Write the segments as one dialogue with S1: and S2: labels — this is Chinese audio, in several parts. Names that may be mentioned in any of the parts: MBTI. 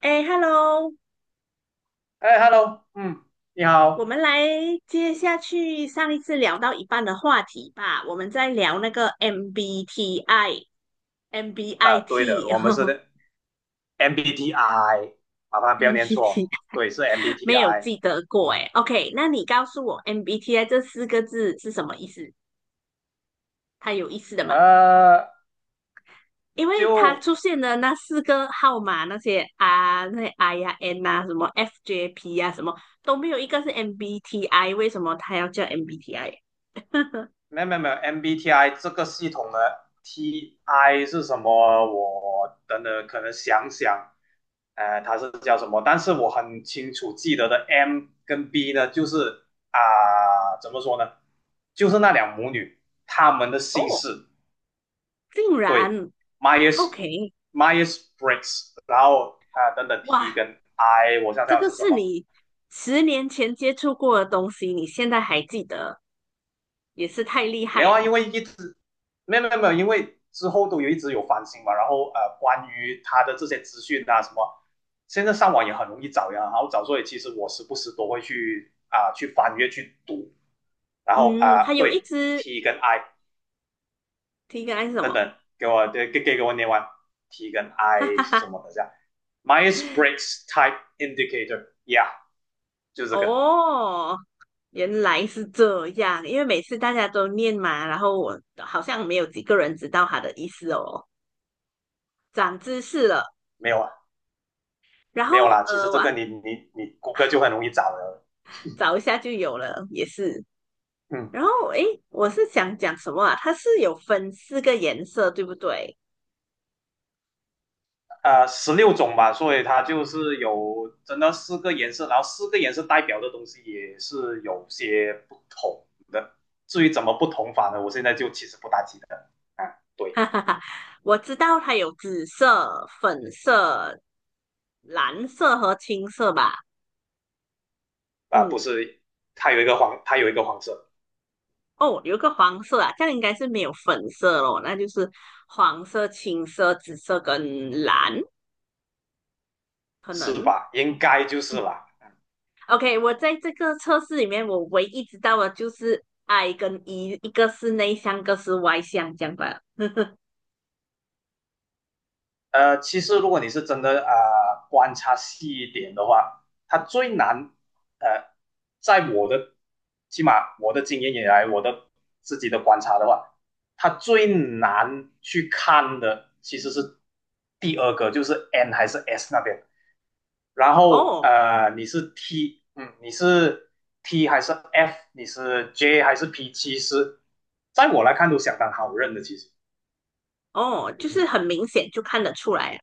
S1: 哎，Hello，
S2: 哎，Hello，嗯，你
S1: 我
S2: 好，
S1: 们来接下去上一次聊到一半的话题吧。我们在聊那个 MBTI、
S2: 啊，对的，
S1: MBIT
S2: 我们
S1: 呵
S2: 是
S1: 呵、
S2: 的 MBTI，麻烦 不要念
S1: MBT，
S2: 错，对，是
S1: 没有
S2: MBTI，
S1: 记得过哎。OK，那你告诉我 MBTI 这四个字是什么意思？它有意思的吗？
S2: 呃，
S1: 因为它
S2: 就
S1: 出现的那四个号码，那些 R、那些 I 呀、N 啊、什么 FJP 呀、啊、什么都没有一个是 MBTI，为什么它要叫 MBTI？
S2: 没有没有没有 MBTI 这个系统的 TI 是什么？我等等可能想想，它是叫什么？但是我很清楚记得的 M 跟 B 呢，就是啊、怎么说呢？就是那两母女她们的姓
S1: 哦，
S2: 氏。
S1: 竟
S2: 对
S1: 然
S2: ，Myers
S1: ，OK。
S2: Myers Briggs，然后啊等等 T
S1: 哇，
S2: 跟 I，我想
S1: 这
S2: 想
S1: 个
S2: 是什
S1: 是
S2: 么？
S1: 你十年前接触过的东西，你现在还记得，也是太厉
S2: 没
S1: 害
S2: 有
S1: 了。
S2: 啊，因为一直没有没有没有，因为之后都有一直有翻新嘛，然后关于他的这些资讯啊什么，现在上网也很容易找呀，然后找，所以其实我时不时都会去去翻阅去读，然后
S1: 嗯，它有一
S2: 对
S1: 只
S2: T 跟 I
S1: 题干是什
S2: 等
S1: 么？
S2: 等，给我念完 T 跟
S1: 哈哈
S2: I 是什
S1: 哈。
S2: 么？等一下，Myers Briggs Type Indicator，yeah，就这个。
S1: 哦，原来是这样，因为每次大家都念嘛，然后我好像没有几个人知道它的意思哦，长知识了。
S2: 没有啊，
S1: 然
S2: 没
S1: 后
S2: 有啦。其实这
S1: 我要
S2: 个你谷歌就很容易找了。
S1: 找一下就有了，也是。
S2: 嗯，
S1: 然后诶，我是想讲什么啊？它是有分四个颜色，对不对？
S2: 十六种吧，所以它就是有真的四个颜色，然后四个颜色代表的东西也是有些不同的。至于怎么不同法呢，我现在就其实不大记得啊。对
S1: 我知道它有紫色、粉色、蓝色和青色吧？
S2: 啊，不
S1: 嗯，
S2: 是，它有一个黄，它有一个黄色，
S1: 哦，有一个黄色啊，这样应该是没有粉色咯，那就是黄色、青色、紫色跟蓝，可
S2: 是
S1: 能。
S2: 吧？应该就是啦。
S1: OK，我在这个测试里面，我唯一知道的就是 I 跟 E，一个是内向，一个是外向，这样吧。
S2: 其实如果你是真的观察细一点的话，它最难呃，在我的起码我的经验以来，我的自己的观察的话，它最难去看的其实是第二个，就是 N 还是 S 那边。然后
S1: 哦
S2: 你是 T，嗯，你是 T 还是 F，你是 J 还是 P，其实在我来看都相当好认的，其实。
S1: 哦，就是
S2: 嗯。
S1: 很明显就看得出来，啊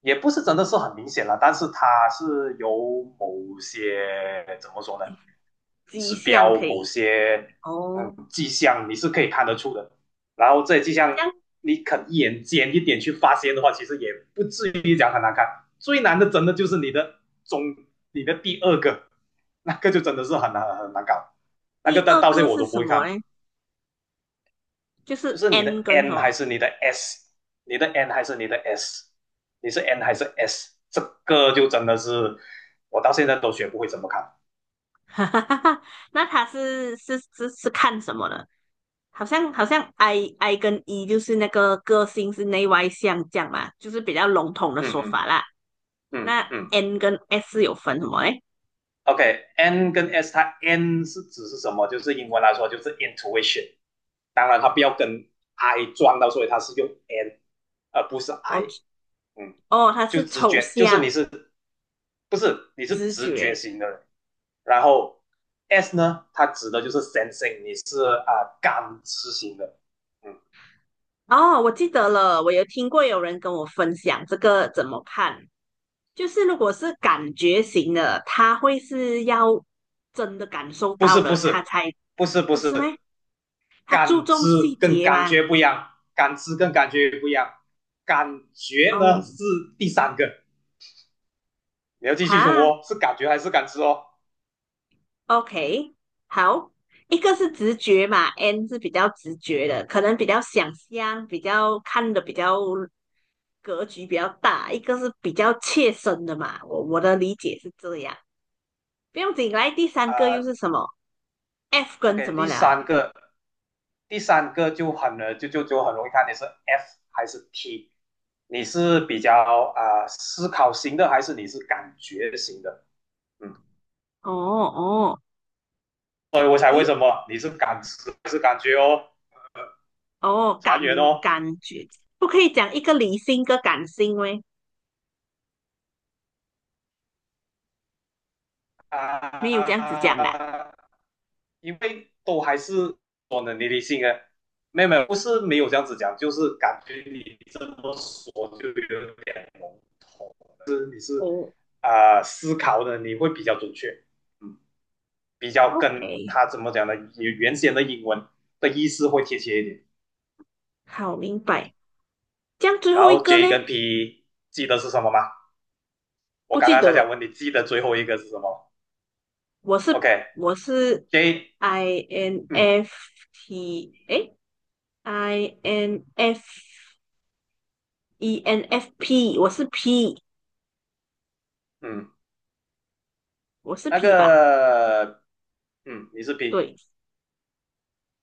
S2: 也不是真的是很明显了，但是它是有某些怎么说呢，
S1: 迹
S2: 指
S1: 象
S2: 标、
S1: 可
S2: 某
S1: 以。
S2: 些
S1: 哦，
S2: 迹象你是可以看得出的。然后这些迹
S1: 这
S2: 象
S1: 样
S2: 你肯一眼尖一点去发现的话，其实也不至于讲很难看。最难的真的就是你的中，你的第二个，那个就真的是很难很难搞，那个
S1: 第
S2: 到
S1: 二
S2: 到现
S1: 个
S2: 在我
S1: 是
S2: 都不
S1: 什
S2: 会
S1: 么
S2: 看。
S1: 呢？就
S2: 就
S1: 是
S2: 是你的
S1: N 跟什
S2: n
S1: 么？
S2: 还是你的 s，你的 n 还是你的 s，你是 n 还是 s，这个就真的是我到现在都学不会怎么看。
S1: 哈哈哈哈。那他是看什么的？好像 I 跟 E 就是那个个性是内外向这样嘛，就是比较笼统的
S2: 嗯
S1: 说
S2: 嗯
S1: 法啦。
S2: 嗯
S1: 那
S2: 嗯
S1: N 跟 S 是有分什么嘞？
S2: ，OK，n okay, 跟 s 它 n 是指是什么？就是英文来说就是 intuition，当然它不要跟 i 撞到，所以它是用 n 而不是
S1: 哦
S2: i。嗯，
S1: 哦，它
S2: 就
S1: 是
S2: 直
S1: 抽
S2: 觉，就是你
S1: 象
S2: 是不是，你是
S1: 知
S2: 直
S1: 觉。
S2: 觉型的人。然后 S 呢，它指的就是 sensing，你是感知型的。嗯，
S1: 哦，我记得了，我有听过有人跟我分享这个怎么看，就是如果是感觉型的，他会是要真的感受
S2: 不是
S1: 到
S2: 不
S1: 了，他
S2: 是
S1: 才
S2: 不是不
S1: 不
S2: 是，
S1: 是咩？他注
S2: 感知
S1: 重细
S2: 跟
S1: 节
S2: 感
S1: 吗？
S2: 觉不一样，感知跟感觉不一样，感觉呢
S1: 哦，
S2: 是第三个。你要继续漩
S1: 哈
S2: 哦，是感觉还是感知哦？
S1: ，OK，好，一个是直觉嘛，N 是比较直觉的，可能比较想象，比较看的比较格局比较大；一个是比较切身的嘛。我的理解是这样，不用紧。来，第三个又
S2: 啊、
S1: 是什么？F
S2: o
S1: 跟
S2: k
S1: 什么
S2: 第
S1: 了？
S2: 三个就很就很容易看你是 F 还是 T，你是比较思考型的还是你是感觉型的？嗯，
S1: 啊，哦哦，
S2: 所以我才为
S1: 咦，
S2: 什么你是感知还是感觉哦，
S1: 哦，
S2: 残
S1: 感
S2: 缘哦
S1: 感觉不可以讲一个理性，一个感性喂，没有这样子讲的啊？
S2: 啊，因为都还是说呢，你理性啊，没有没有，不是没有这样子讲，就是感觉你这么说就有点笼统
S1: 哦
S2: 思考的你会比较准确，嗯，比较跟
S1: ，OK，
S2: 它怎么讲呢，原先的英文的意思会贴切一点。
S1: 好，明白。这样最
S2: 然
S1: 后一
S2: 后
S1: 个
S2: J
S1: 嘞，
S2: 跟 P 记得是什么吗？我
S1: 不
S2: 刚
S1: 记
S2: 刚想想
S1: 得，
S2: 问你，记得最后一个是什么
S1: 我是
S2: ？OK，J，、
S1: 我是
S2: 嗯
S1: INFT，哎 i n f e n f p 我是 P，
S2: 嗯，
S1: 我是
S2: 那
S1: P 吧？
S2: 个，嗯，你是 P，
S1: 对，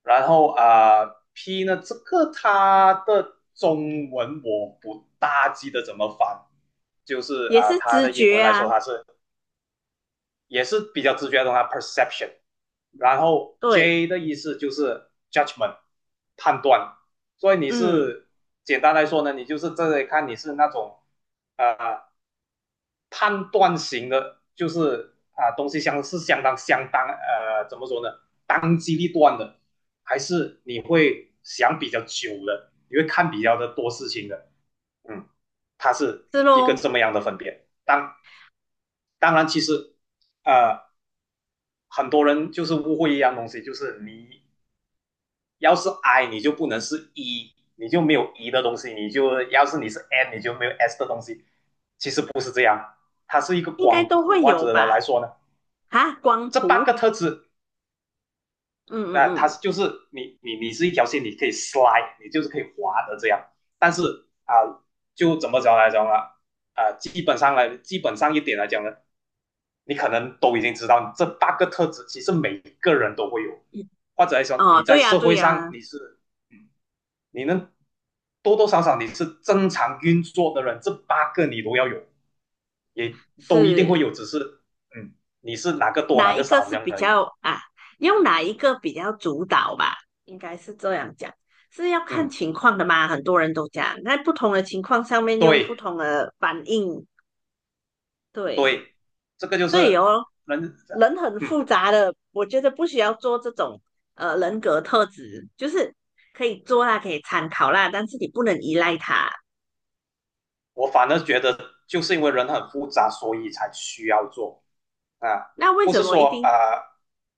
S2: 然后p 呢，这个它的中文我不大记得怎么翻，就是
S1: 也是
S2: 它
S1: 直
S2: 的英
S1: 觉
S2: 文来
S1: 啊。
S2: 说它是也是比较直觉的它 perception。然后
S1: 对，
S2: J 的意思就是 judgment，判断。所以你
S1: 嗯，
S2: 是简单来说呢，你就是这里看你是那种呃判断型的，就是东西相当相当怎么说呢，当机立断的，还是你会想比较久了，你会看比较的多事情的，嗯，它是
S1: 是
S2: 一个
S1: 咯，
S2: 这么样的分别。当然，其实呃很多人就是误会一样东西，就是你要是 I，你就不能是 E，你就没有 E 的东西，你就要是你是 N，你就没有 S 的东西。其实不是这样，它是一个
S1: 应该
S2: 光
S1: 都
S2: 谱
S1: 会
S2: 或
S1: 有
S2: 者来
S1: 吧？
S2: 来说呢，
S1: 啊，光
S2: 这八
S1: 谱，
S2: 个特质
S1: 嗯
S2: 它
S1: 嗯
S2: 就是你是一条线，你可以 slide，你就是可以滑的这样。但是啊、呃就怎么讲来讲呢？基本上来，基本上一点来讲呢，你可能都已经知道，这八个特质其实每一个人都会有，
S1: 嗯，
S2: 或者来说
S1: 哦，
S2: 你在
S1: 对呀、
S2: 社
S1: 对
S2: 会上
S1: 呀、
S2: 你是，嗯你能多多少少你是正常运作的人，这八个你都要有，也都一定会
S1: 是。
S2: 有，只是嗯，你是哪个多哪
S1: 哪
S2: 个
S1: 一个
S2: 少这
S1: 是
S2: 样
S1: 比
S2: 而已。
S1: 较啊？用哪一个比较主导吧？应该是这样讲，是要看
S2: 嗯，
S1: 情况的嘛。很多人都讲，在不同的情况上面用不
S2: 对
S1: 同的反应，对，
S2: 对，这个就
S1: 所以
S2: 是
S1: 哦，
S2: 人，
S1: 人很
S2: 嗯，
S1: 复杂的，我觉得不需要做这种人格特质，就是可以做啦，可以参考啦，但是你不能依赖它。
S2: 我反而觉得就是因为人很复杂，所以才需要做啊，
S1: 那为
S2: 不
S1: 什
S2: 是
S1: 么一
S2: 说
S1: 定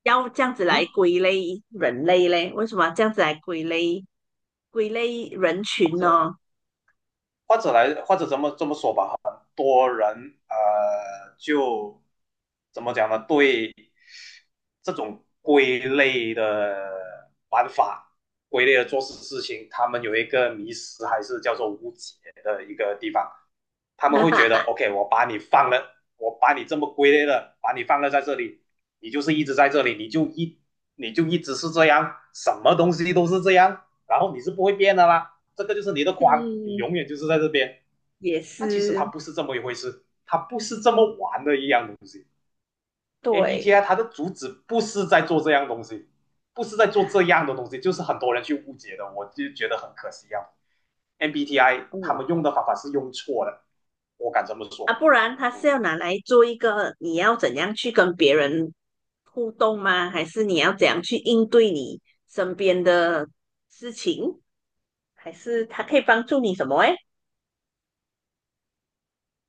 S1: 要这样子来
S2: 嗯。
S1: 归类人类嘞？为什么要这样子来归类人群呢？
S2: 或者怎么这么说吧，很多人，就怎么讲呢？对这种归类的玩法、归类的做事事情，他们有一个迷失，还是叫做误解的一个地方。他 们
S1: 哈
S2: 会
S1: 哈
S2: 觉得
S1: 哈，
S2: ，OK，我把你放了，我把你这么归类了，把你放了在这里，你就是一直在这里，你就一直是这样，什么东西都是这样，然后你是不会变的啦。这个就是你的框，你
S1: 嗯，
S2: 永远就是在这边。
S1: 也
S2: 那其实它
S1: 是
S2: 不是这么一回事，它不是这么玩的一样东西。
S1: 对。
S2: MBTI 它的主旨不是在做这样东西，不是在做这样的东西，就是很多人去误解的，我就觉得很可惜啊。MBTI 他
S1: 嗯，
S2: 们用的方法是用错的，我敢这么
S1: 啊，
S2: 说。
S1: 不然他是
S2: 嗯，
S1: 要拿来做一个你要怎样去跟别人互动吗？还是你要怎样去应对你身边的事情？还是他可以帮助你什么？诶，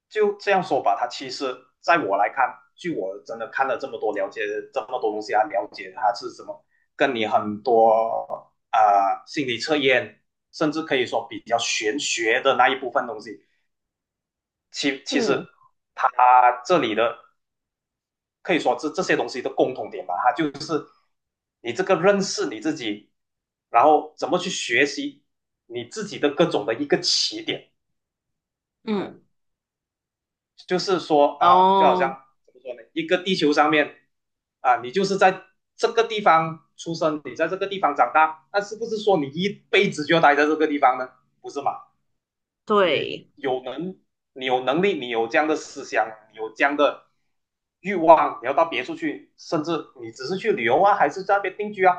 S2: 就这样说吧，他其实在我来看，据我真的看了这么多，了解这么多东西，他了解他是什么，跟你很多心理测验，甚至可以说比较玄学的那一部分东西，其实
S1: 嗯
S2: 他这里的可以说这些东西的共同点吧，他就是你这个认识你自己，然后怎么去学习你自己的各种的一个起点，嗯。
S1: 嗯，
S2: 就是说啊，就好
S1: 哦，
S2: 像怎么说呢？一个地球上面啊，你就是在这个地方出生，你在这个地方长大，那是不是说你一辈子就要待在这个地方呢？不是嘛？你
S1: 对
S2: 有能，你有能力，你有这样的思想，你有这样的欲望，你要到别处去，甚至你只是去旅游啊，还是在那边定居啊，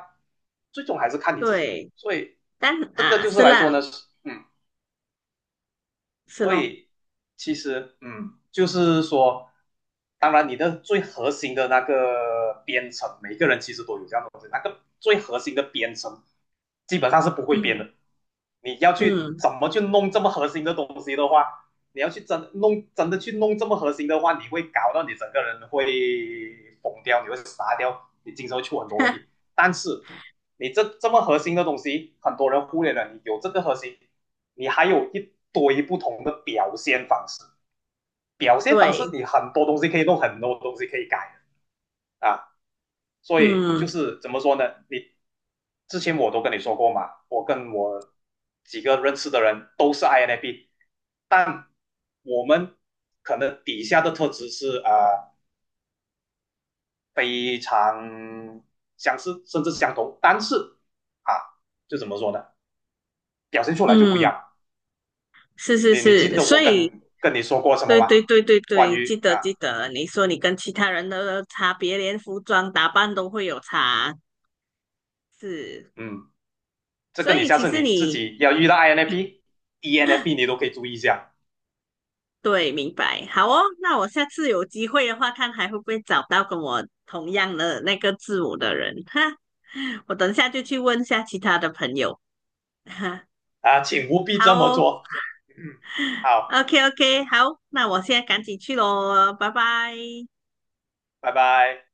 S2: 最终还是看你自己。
S1: 对，
S2: 所以
S1: 但
S2: 这个
S1: 啊
S2: 就是
S1: 是
S2: 来说
S1: 啦，
S2: 呢，嗯，
S1: 是
S2: 所
S1: 咯，
S2: 以其实，嗯，就是说，当然你的最核心的那个编程，每个人其实都有这样的东西，那个最核心的编程基本上是不会编
S1: 嗯
S2: 的，你要去
S1: 嗯，
S2: 怎么去弄这么核心的东西的话，你要去真的去弄这么核心的话，你会搞到你整个人会疯掉，你会傻掉，你经常会出很多问 题。但是你这么核心的东西，很多人忽略了。你有这个核心，你还有一堆不同的表现方式，表现方式
S1: 对，
S2: 你很多东西可以弄，很多东西可以改的啊。所以就
S1: 嗯
S2: 是怎么说呢？你之前我都跟你说过嘛，我跟我几个认识的人都是 INFP，但我们可能底下的特质是非常相似，甚至相同，但是啊，就怎么说呢，表现出来就不一
S1: 嗯，
S2: 样。
S1: 是是
S2: 你记
S1: 是，
S2: 得
S1: 所
S2: 我
S1: 以。
S2: 跟你说过什么
S1: 对
S2: 吗？
S1: 对对对
S2: 关
S1: 对，记
S2: 于
S1: 得记
S2: 啊，
S1: 得，你说你跟其他人的差别，连服装打扮都会有差，是，
S2: 嗯，这
S1: 所
S2: 个你
S1: 以
S2: 下
S1: 其
S2: 次
S1: 实
S2: 你自
S1: 你
S2: 己要遇到 INFP、ENFP 你都可以注意一下
S1: 对，明白，好哦，那我下次有机会的话，看还会不会找到跟我同样的那个字母的人，哈，我等下就去问一下其他的朋友，哈，
S2: 啊，请务必
S1: 好
S2: 这么
S1: 哦
S2: 做。嗯，好，
S1: ，OK OK，好，那我现在赶紧去喽，拜拜。
S2: 拜拜。